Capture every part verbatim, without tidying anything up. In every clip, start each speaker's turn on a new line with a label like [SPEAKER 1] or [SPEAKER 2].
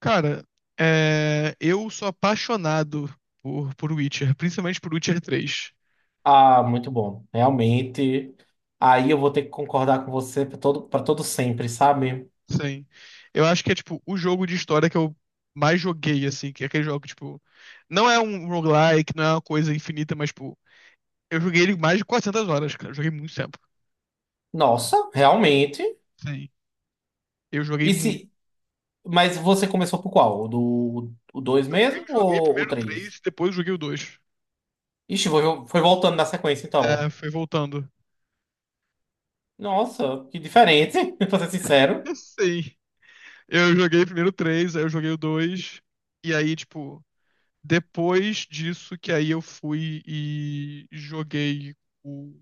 [SPEAKER 1] Cara, é, eu sou apaixonado por, por Witcher, principalmente por Witcher três.
[SPEAKER 2] Ah, muito bom. Realmente. Aí eu vou ter que concordar com você para todo, para todo sempre, sabe?
[SPEAKER 1] Sim. Eu acho que é, tipo, o jogo de história que eu mais joguei, assim, que é aquele jogo, que, tipo, não é um roguelike, não é uma coisa infinita, mas, tipo, eu joguei ele mais de quatrocentas horas, cara. Eu joguei muito tempo.
[SPEAKER 2] Nossa, realmente.
[SPEAKER 1] Sim. Eu joguei
[SPEAKER 2] E
[SPEAKER 1] muito.
[SPEAKER 2] se... Mas você começou por qual? O do o dois
[SPEAKER 1] Não, eu
[SPEAKER 2] mesmo
[SPEAKER 1] joguei
[SPEAKER 2] ou o
[SPEAKER 1] primeiro três,
[SPEAKER 2] três?
[SPEAKER 1] depois joguei o dois.
[SPEAKER 2] Ixi, foi, foi voltando na sequência,
[SPEAKER 1] É,
[SPEAKER 2] então.
[SPEAKER 1] foi voltando.
[SPEAKER 2] Nossa, que diferente, pra ser sincero.
[SPEAKER 1] Sim. Eu joguei primeiro o três, aí eu joguei o dois e aí, tipo. Depois disso, que aí eu fui e joguei o.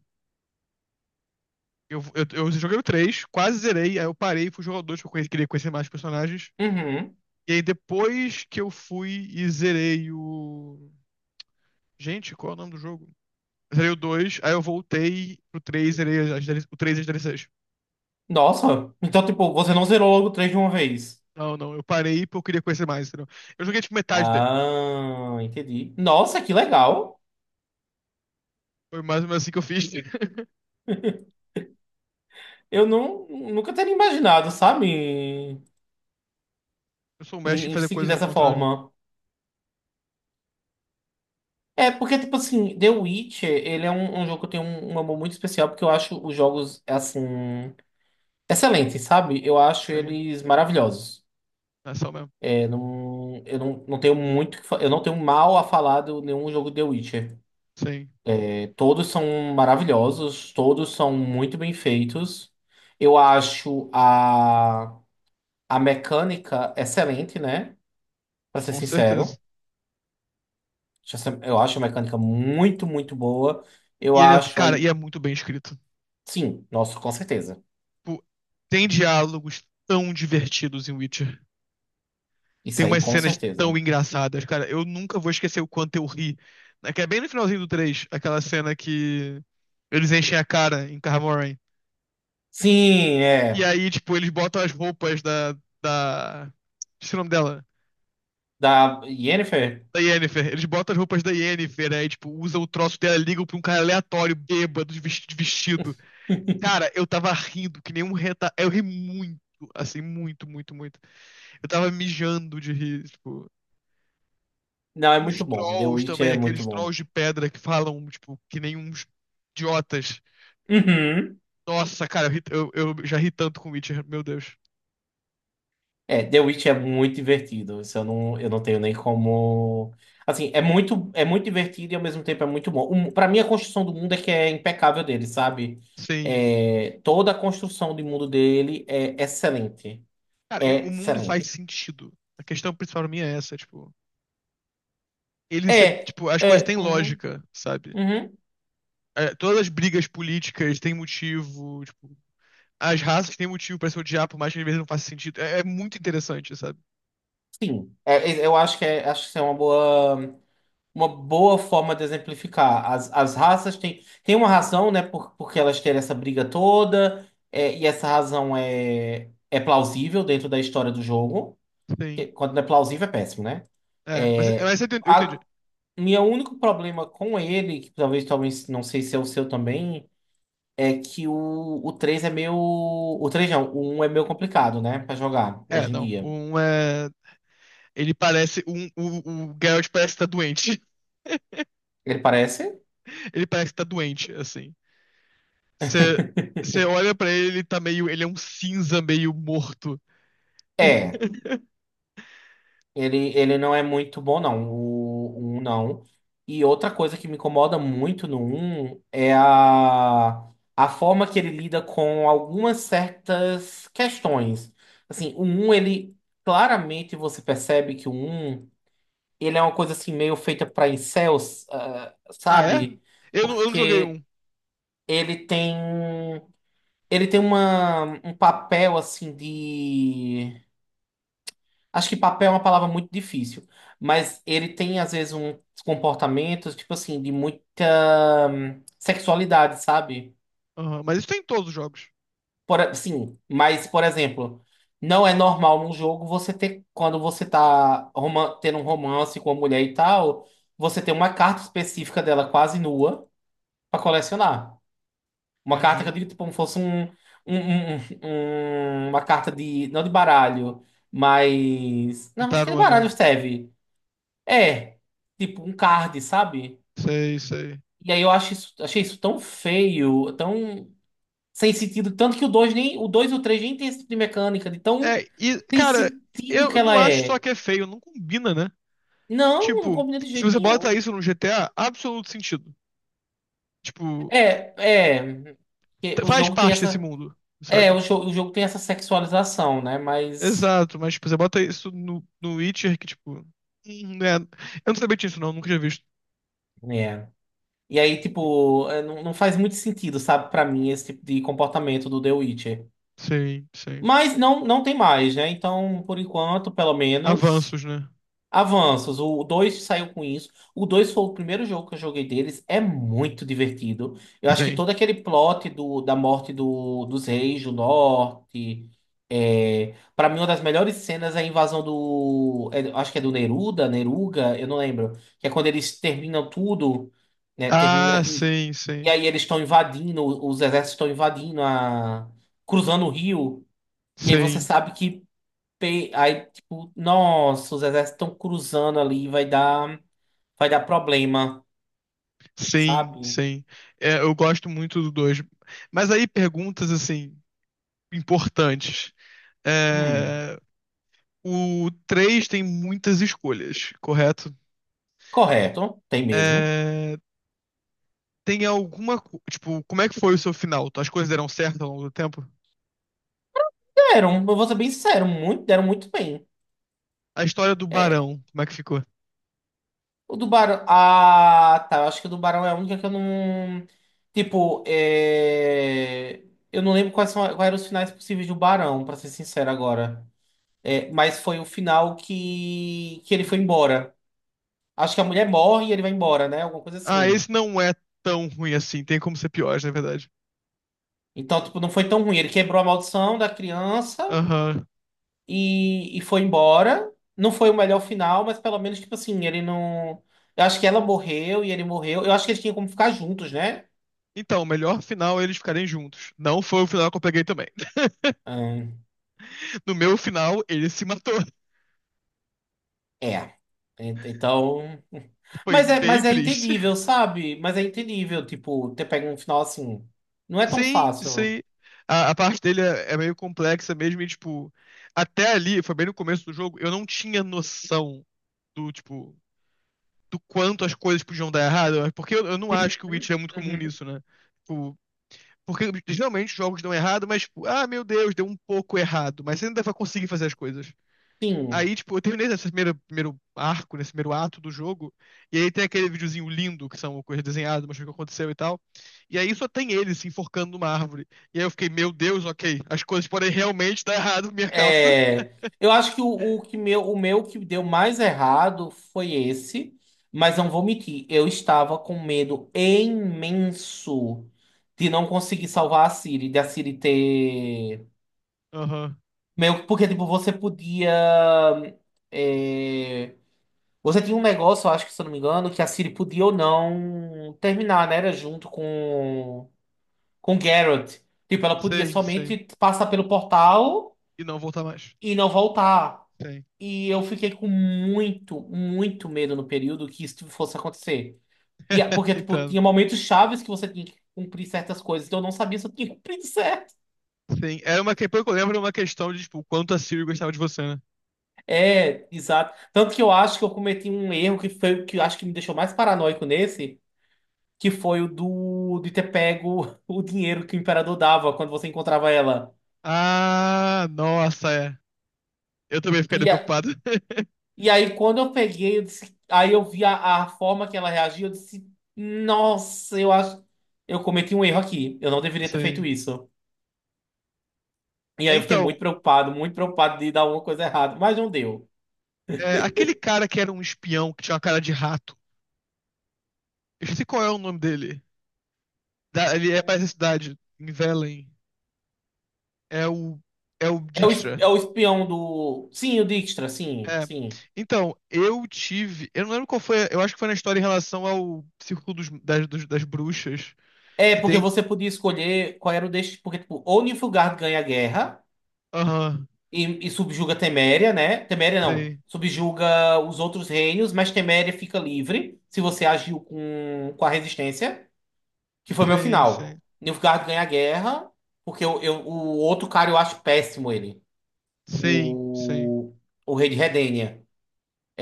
[SPEAKER 1] Eu, eu, eu joguei o três, quase zerei, aí eu parei e fui jogar o dois porque eu queria conhecer mais personagens.
[SPEAKER 2] Uhum.
[SPEAKER 1] E aí depois que eu fui e zerei o. Gente, qual é o nome do jogo? Zerei o dois, aí eu voltei pro três, zerei as, o três e as D L Cs.
[SPEAKER 2] Nossa, então, tipo, você não zerou logo o três de uma vez.
[SPEAKER 1] Não, não, eu parei porque eu queria conhecer mais, entendeu? Eu joguei tipo metade dele.
[SPEAKER 2] Ah, entendi. Nossa, que legal.
[SPEAKER 1] Foi mais ou menos assim que eu fiz. Sim.
[SPEAKER 2] Eu não, nunca teria imaginado, sabe? Em,
[SPEAKER 1] Eu sou um mestre em
[SPEAKER 2] em
[SPEAKER 1] fazer
[SPEAKER 2] seguir
[SPEAKER 1] coisas ao
[SPEAKER 2] dessa
[SPEAKER 1] contrário.
[SPEAKER 2] forma. É, porque, tipo assim, The Witcher, ele é um, um jogo que eu tenho um, um amor muito especial, porque eu acho os jogos, assim, excelentes, sabe? Eu acho
[SPEAKER 1] Sim,
[SPEAKER 2] eles maravilhosos.
[SPEAKER 1] é só mesmo.
[SPEAKER 2] É, não, eu não, não tenho muito, que fa- eu não tenho mal a falar de nenhum jogo The Witcher.
[SPEAKER 1] Sim,
[SPEAKER 2] É, todos são maravilhosos, todos são muito bem feitos. Eu acho a, a mecânica excelente, né? Pra ser
[SPEAKER 1] com certeza.
[SPEAKER 2] sincero. Eu acho a mecânica muito, muito boa. Eu
[SPEAKER 1] E ele, é-
[SPEAKER 2] acho
[SPEAKER 1] cara, e
[SPEAKER 2] aí,
[SPEAKER 1] é muito bem escrito.
[SPEAKER 2] sim, nossa, com certeza.
[SPEAKER 1] Tipo, tem diálogos tão divertidos em Witcher.
[SPEAKER 2] Isso
[SPEAKER 1] Tem
[SPEAKER 2] aí,
[SPEAKER 1] umas
[SPEAKER 2] com
[SPEAKER 1] cenas tão
[SPEAKER 2] certeza.
[SPEAKER 1] engraçadas, cara. Eu nunca vou esquecer o quanto eu ri. É que é bem no finalzinho do três aquela cena que eles enchem a cara em Kaer.
[SPEAKER 2] Sim,
[SPEAKER 1] E
[SPEAKER 2] é.
[SPEAKER 1] aí, tipo, eles botam as roupas da, da... Esqueci o nome dela.
[SPEAKER 2] Da Yennefer?
[SPEAKER 1] Da Yennefer. Eles botam as roupas da Yennefer, aí, tipo, usam o troço dela, ligam pra um cara aleatório, bêbado, de vesti- de vestido. Cara, eu tava rindo que nem um reta... Eu ri muito, assim, muito, muito, muito. Eu tava mijando de rir, tipo.
[SPEAKER 2] Não, é
[SPEAKER 1] Os
[SPEAKER 2] muito bom. The
[SPEAKER 1] trolls
[SPEAKER 2] Witch
[SPEAKER 1] também,
[SPEAKER 2] é muito
[SPEAKER 1] aqueles
[SPEAKER 2] bom.
[SPEAKER 1] trolls de pedra que falam, tipo, que nem uns idiotas.
[SPEAKER 2] Uhum.
[SPEAKER 1] Nossa, cara, eu, ri- eu- eu já ri tanto com Witcher, meu Deus.
[SPEAKER 2] É, The Witch é muito divertido. Isso eu não, eu não tenho nem como. Assim, é muito, é muito divertido e ao mesmo tempo é muito bom. Um, para mim, a construção do mundo é que é impecável dele, sabe?
[SPEAKER 1] Sim.
[SPEAKER 2] É, toda a construção do mundo dele é excelente.
[SPEAKER 1] Cara, e
[SPEAKER 2] É
[SPEAKER 1] o mundo faz
[SPEAKER 2] excelente.
[SPEAKER 1] sentido. A questão principal pra mim é essa, tipo. Ele, se-
[SPEAKER 2] É,
[SPEAKER 1] Tipo, as coisas
[SPEAKER 2] é.
[SPEAKER 1] têm
[SPEAKER 2] Uhum,
[SPEAKER 1] lógica, sabe?
[SPEAKER 2] uhum,
[SPEAKER 1] É, todas as brigas políticas têm motivo, tipo. As raças têm motivo pra se odiar, por mais que às vezes não faça sentido. É, é muito interessante, sabe?
[SPEAKER 2] sim. É, eu acho que é, acho que isso é uma boa, uma boa forma de exemplificar. As, as raças têm, têm uma razão, né? Por, porque elas terem essa briga toda, é, e essa razão é, é plausível dentro da história do jogo.
[SPEAKER 1] Sim.
[SPEAKER 2] Que quando não é plausível, é péssimo, né?
[SPEAKER 1] É, mas, é,
[SPEAKER 2] É,
[SPEAKER 1] mas eu entendi. Eu entendi.
[SPEAKER 2] a, meu único problema com ele, que talvez, talvez, não sei se é o seu também, é que o, o três é meio. O três não, o um é meio complicado, né? Pra jogar
[SPEAKER 1] É,
[SPEAKER 2] hoje em
[SPEAKER 1] não.
[SPEAKER 2] dia.
[SPEAKER 1] Um é... Ele parece. Um, o, o Geralt parece estar doente.
[SPEAKER 2] Ele parece?
[SPEAKER 1] Ele parece estar doente, assim. Você você olha pra ele, ele tá meio. Ele é um cinza meio morto.
[SPEAKER 2] É. Ele, ele não é muito bom, não. O um não. E outra coisa que me incomoda muito no um é a, a forma que ele lida com algumas certas questões. Assim, o um, ele claramente você percebe que o um, ele é uma coisa assim meio feita para incels, ah,
[SPEAKER 1] Ah, é?
[SPEAKER 2] sabe?
[SPEAKER 1] Eu não, eu não joguei
[SPEAKER 2] Porque
[SPEAKER 1] um.
[SPEAKER 2] ele tem, ele tem uma, um papel assim de... Acho que papel é uma palavra muito difícil, mas ele tem, às vezes, uns comportamentos, tipo assim, de muita hum, sexualidade, sabe?
[SPEAKER 1] Aham, mas isso tem em todos os jogos.
[SPEAKER 2] Por, sim, mas, por exemplo, não é normal num jogo você ter, quando você tá roman- tendo um romance com uma mulher e tal, você ter uma carta específica dela quase nua pra colecionar. Uma carta que eu
[SPEAKER 1] Entendi.
[SPEAKER 2] digo, tipo, como fosse um, um- um- um- um, uma carta de, não de baralho, mas...
[SPEAKER 1] De
[SPEAKER 2] Não, acho que de
[SPEAKER 1] tarona.
[SPEAKER 2] baralho serve. É, tipo um card, sabe?
[SPEAKER 1] Sei, sei.
[SPEAKER 2] E aí eu acho isso, achei isso tão feio, tão sem sentido, tanto que o dois nem, o dois e o três nem tem esse tipo de mecânica, de tão
[SPEAKER 1] É, e,
[SPEAKER 2] sem
[SPEAKER 1] cara,
[SPEAKER 2] sentido
[SPEAKER 1] eu
[SPEAKER 2] que
[SPEAKER 1] não
[SPEAKER 2] ela
[SPEAKER 1] acho só
[SPEAKER 2] é.
[SPEAKER 1] que é feio, não combina, né?
[SPEAKER 2] Não, não
[SPEAKER 1] Tipo,
[SPEAKER 2] combina de
[SPEAKER 1] se
[SPEAKER 2] jeito
[SPEAKER 1] você
[SPEAKER 2] nenhum.
[SPEAKER 1] bota isso no G T A, absoluto sentido. Tipo,
[SPEAKER 2] É, é, que
[SPEAKER 1] t-
[SPEAKER 2] o
[SPEAKER 1] faz
[SPEAKER 2] jogo tem
[SPEAKER 1] parte desse
[SPEAKER 2] essa,
[SPEAKER 1] mundo,
[SPEAKER 2] é, o,
[SPEAKER 1] sabe?
[SPEAKER 2] jo- o jogo tem essa sexualização, né? Mas
[SPEAKER 1] Exato, mas tipo, você bota isso no, no Witcher que, tipo. Hum, né? Eu não sabia disso, não, nunca tinha visto.
[SPEAKER 2] é. E aí, tipo, é, não, não faz muito sentido, sabe, pra mim esse tipo de comportamento do The Witcher.
[SPEAKER 1] Sim, sim.
[SPEAKER 2] Mas não, não tem mais, né? Então, por enquanto, pelo menos...
[SPEAKER 1] Avanços, né?
[SPEAKER 2] Avanços, o dois saiu com isso. O dois foi o primeiro jogo que eu joguei deles. É muito divertido. Eu acho que
[SPEAKER 1] Sim.
[SPEAKER 2] todo aquele plot do, da morte do, dos reis do norte. É, para mim, uma das melhores cenas é a invasão do, é, acho que é do Neruda, Neruga, eu não lembro. Que é quando eles terminam tudo, né? Termina,
[SPEAKER 1] Ah,
[SPEAKER 2] e,
[SPEAKER 1] sim,
[SPEAKER 2] e
[SPEAKER 1] sim.
[SPEAKER 2] aí eles estão invadindo, os exércitos estão invadindo a, cruzando o rio. E aí você
[SPEAKER 1] Sim,
[SPEAKER 2] sabe que pe- aí, tipo, nossa, os exércitos estão cruzando ali, vai dar, vai dar problema,
[SPEAKER 1] sim,
[SPEAKER 2] sabe?
[SPEAKER 1] sim. É, eu gosto muito do dois. Mas aí perguntas assim, importantes.
[SPEAKER 2] Hum,
[SPEAKER 1] É, o três tem muitas escolhas, correto?
[SPEAKER 2] correto, tem mesmo.
[SPEAKER 1] É, tem alguma. co- Tipo, como é que foi o seu final? As coisas deram certo ao longo do tempo?
[SPEAKER 2] Deram, eu vou ser bem sincero, muito, deram muito bem.
[SPEAKER 1] A história do
[SPEAKER 2] É,
[SPEAKER 1] Barão, como é que ficou?
[SPEAKER 2] o do Barão. Ah, tá. Eu acho que o do Barão é a única que eu não. Tipo, é, eu não lembro quais são, quais eram os finais possíveis do Barão, pra ser sincero agora. É, mas foi o final que, que ele foi embora. Acho que a mulher morre e ele vai embora, né? Alguma coisa
[SPEAKER 1] Ah,
[SPEAKER 2] assim.
[SPEAKER 1] esse não é tão ruim assim. Tem como ser pior, na verdade.
[SPEAKER 2] Então, tipo, não foi tão ruim. Ele quebrou a maldição da criança
[SPEAKER 1] Aham.
[SPEAKER 2] e, e foi embora. Não foi o melhor final, mas pelo menos, tipo assim, ele não... Eu acho que ela morreu e ele morreu. Eu acho que eles tinham como ficar juntos, né?
[SPEAKER 1] Então, o melhor final é eles ficarem juntos. Não foi o final que eu peguei também.
[SPEAKER 2] Hum,
[SPEAKER 1] No meu final, ele se matou.
[SPEAKER 2] é. Ent- Então.
[SPEAKER 1] Foi
[SPEAKER 2] Mas é,
[SPEAKER 1] bem
[SPEAKER 2] mas é
[SPEAKER 1] triste.
[SPEAKER 2] entendível, sabe? Mas é entendível, tipo, ter pego um final assim. Não é tão
[SPEAKER 1] Sim,
[SPEAKER 2] fácil.
[SPEAKER 1] sim. A, a parte dele é, é meio complexa mesmo. E, tipo, até ali, foi bem no começo do jogo, eu não tinha noção do, tipo, do quanto as coisas podiam dar errado. Porque eu, eu não acho que o
[SPEAKER 2] Uhum.
[SPEAKER 1] Witcher é muito comum
[SPEAKER 2] Uhum.
[SPEAKER 1] nisso, né? Tipo, porque geralmente os jogos dão errado, mas, tipo, ah, meu Deus, deu um pouco errado. Mas você ainda vai conseguir fazer as coisas.
[SPEAKER 2] Sim.
[SPEAKER 1] Aí, tipo, eu terminei nesse primeiro, primeiro arco, nesse primeiro ato do jogo. E aí tem aquele videozinho lindo, que são coisas desenhadas, mostrando o que aconteceu e tal. E aí só tem ele se enforcando numa árvore. E aí eu fiquei, meu Deus, ok. As coisas podem realmente dar errado por minha causa.
[SPEAKER 2] É, eu acho que o, o que meu, o meu que deu mais errado foi esse, mas não vou mentir, eu estava com medo imenso de não conseguir salvar a Siri, de a Siri ter
[SPEAKER 1] Aham.
[SPEAKER 2] meio que porque tipo você podia é, você tinha um negócio, eu acho que se eu não me engano, que a Siri podia ou não terminar, né? Era junto com com Garrett. Tipo, ela podia
[SPEAKER 1] Sim, sim.
[SPEAKER 2] somente passar pelo portal
[SPEAKER 1] E não voltar mais.
[SPEAKER 2] e não voltar.
[SPEAKER 1] Sim.
[SPEAKER 2] E eu fiquei com muito, muito medo no período que isso fosse acontecer. E, a- porque, tipo,
[SPEAKER 1] Entendo.
[SPEAKER 2] tinha momentos chaves que você tinha que cumprir certas coisas, então eu não sabia se eu tinha cumprido certo.
[SPEAKER 1] Sim. Era uma que, pelo que eu lembro, era uma questão de, tipo, o quanto a Siri gostava de você, né?
[SPEAKER 2] É, exato. Tanto que eu acho que eu cometi um erro que foi o que eu acho que me deixou mais paranoico nesse, que foi o do de ter pego o dinheiro que o imperador dava quando você encontrava ela.
[SPEAKER 1] Ah, nossa, é. Eu também ficaria
[SPEAKER 2] E, a-
[SPEAKER 1] preocupado.
[SPEAKER 2] e aí, quando eu peguei, eu disse- aí eu vi a, a forma que ela reagiu, eu disse, nossa, eu acho, eu cometi um erro aqui, eu não deveria ter feito
[SPEAKER 1] Sim.
[SPEAKER 2] isso. E
[SPEAKER 1] É,
[SPEAKER 2] aí eu fiquei
[SPEAKER 1] então,
[SPEAKER 2] muito preocupado, muito preocupado de dar alguma coisa errada, mas não deu.
[SPEAKER 1] é, aquele cara que era um espião que tinha uma cara de rato. Eu esqueci qual é o nome dele. Da- ele é pra essa cidade, em Velen. É o. É o
[SPEAKER 2] É o, es- é
[SPEAKER 1] Dijkstra.
[SPEAKER 2] o espião do... Sim, o Dijkstra, sim,
[SPEAKER 1] É.
[SPEAKER 2] sim.
[SPEAKER 1] Então, eu tive. Eu não lembro qual foi. Eu acho que foi na história em relação ao Círculo dos- das, dos- das Bruxas.
[SPEAKER 2] É,
[SPEAKER 1] Que
[SPEAKER 2] porque
[SPEAKER 1] tem.
[SPEAKER 2] você podia escolher qual era o destino, porque, tipo, ou Nilfgaard ganha a guerra
[SPEAKER 1] Aham.
[SPEAKER 2] e, e subjuga Teméria, né? Teméria não,
[SPEAKER 1] Sim.
[SPEAKER 2] subjuga os outros reinos, mas Teméria fica livre se você agiu com, com a resistência. Que foi meu
[SPEAKER 1] Sim,
[SPEAKER 2] final.
[SPEAKER 1] sim.
[SPEAKER 2] Nilfgaard ganha a guerra, porque eu, eu- o outro cara eu acho péssimo ele.
[SPEAKER 1] Sim, sim.
[SPEAKER 2] O, o rei de Redênia.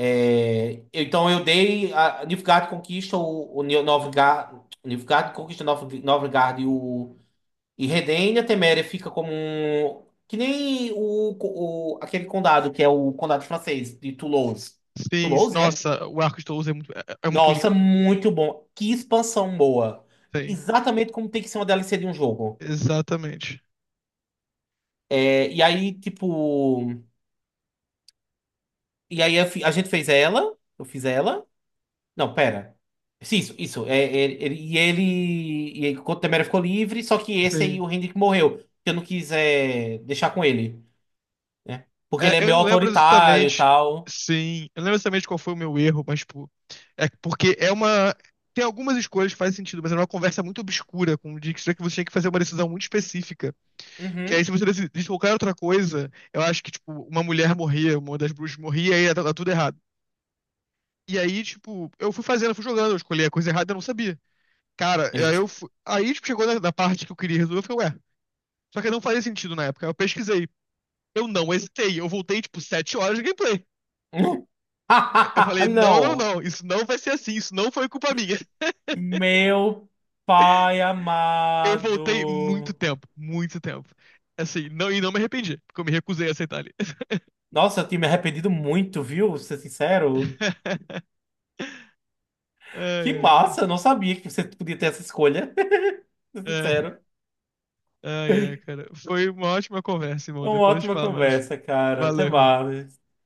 [SPEAKER 2] É, então eu dei. A, Nilfgaard conquista o, o Nil- Novgar- Nilfgaard conquista Nov- Novgard e o e Redênia. Teméria fica como um. Que nem o, o- aquele condado, que é o condado francês, de Toulouse.
[SPEAKER 1] Sim.
[SPEAKER 2] Toulouse, é?
[SPEAKER 1] Nossa, o arco de Toulouse é muito, é, é muito lindo.
[SPEAKER 2] Nossa, muito bom. Que expansão boa.
[SPEAKER 1] Sim.
[SPEAKER 2] Exatamente como tem que ser uma D L C de um jogo.
[SPEAKER 1] Exatamente.
[SPEAKER 2] É, e aí, tipo. E aí eu fi- a gente fez ela. Eu fiz ela. Não, pera. Sim, Isso, isso. É, é, ele- e ele. E aí, o Temera ficou livre, só que esse aí,
[SPEAKER 1] Sim.
[SPEAKER 2] o Hendrik morreu. Que eu não quis é, deixar com ele. Né? Porque
[SPEAKER 1] É,
[SPEAKER 2] ele é
[SPEAKER 1] eu
[SPEAKER 2] meio
[SPEAKER 1] não lembro
[SPEAKER 2] autoritário e
[SPEAKER 1] exatamente,
[SPEAKER 2] tal.
[SPEAKER 1] sim, eu não lembro exatamente qual foi o meu erro, mas, tipo, é porque é uma. Tem algumas escolhas que fazem sentido, mas é uma conversa muito obscura com o Dijkstra que você tinha que fazer uma decisão muito específica. Que aí, se
[SPEAKER 2] Uhum.
[SPEAKER 1] você decidisse qualquer outra coisa, eu acho que, tipo, uma mulher morria, uma das bruxas morria, aí ia tudo errado. E aí, tipo, eu fui fazendo, eu fui jogando, eu escolhi a coisa errada, eu não sabia. Cara, aí
[SPEAKER 2] Eita.
[SPEAKER 1] eu fui... Aí, tipo, chegou na, na parte que eu queria resolver, eu falei, ué, só que não fazia sentido na época. Aí eu pesquisei. Eu não hesitei, eu voltei, tipo, sete horas de gameplay. Eu falei, não, não,
[SPEAKER 2] Não.
[SPEAKER 1] não, isso não vai ser assim, isso não foi culpa minha.
[SPEAKER 2] Meu pai
[SPEAKER 1] Eu voltei muito
[SPEAKER 2] amado.
[SPEAKER 1] tempo, muito tempo. Assim, não, e não me arrependi, porque eu me recusei a aceitar ali.
[SPEAKER 2] Nossa, eu tinha me arrependido muito, viu? Ser sincero.
[SPEAKER 1] Ai,
[SPEAKER 2] Que
[SPEAKER 1] ai, cara.
[SPEAKER 2] massa, eu não sabia que você podia ter essa escolha. Tô
[SPEAKER 1] É,
[SPEAKER 2] sincero.
[SPEAKER 1] ai, ai, cara. Foi uma ótima conversa, irmão.
[SPEAKER 2] Uma
[SPEAKER 1] Depois a gente
[SPEAKER 2] ótima
[SPEAKER 1] fala mais.
[SPEAKER 2] conversa, cara.
[SPEAKER 1] Valeu,
[SPEAKER 2] Até
[SPEAKER 1] irmão.
[SPEAKER 2] mais.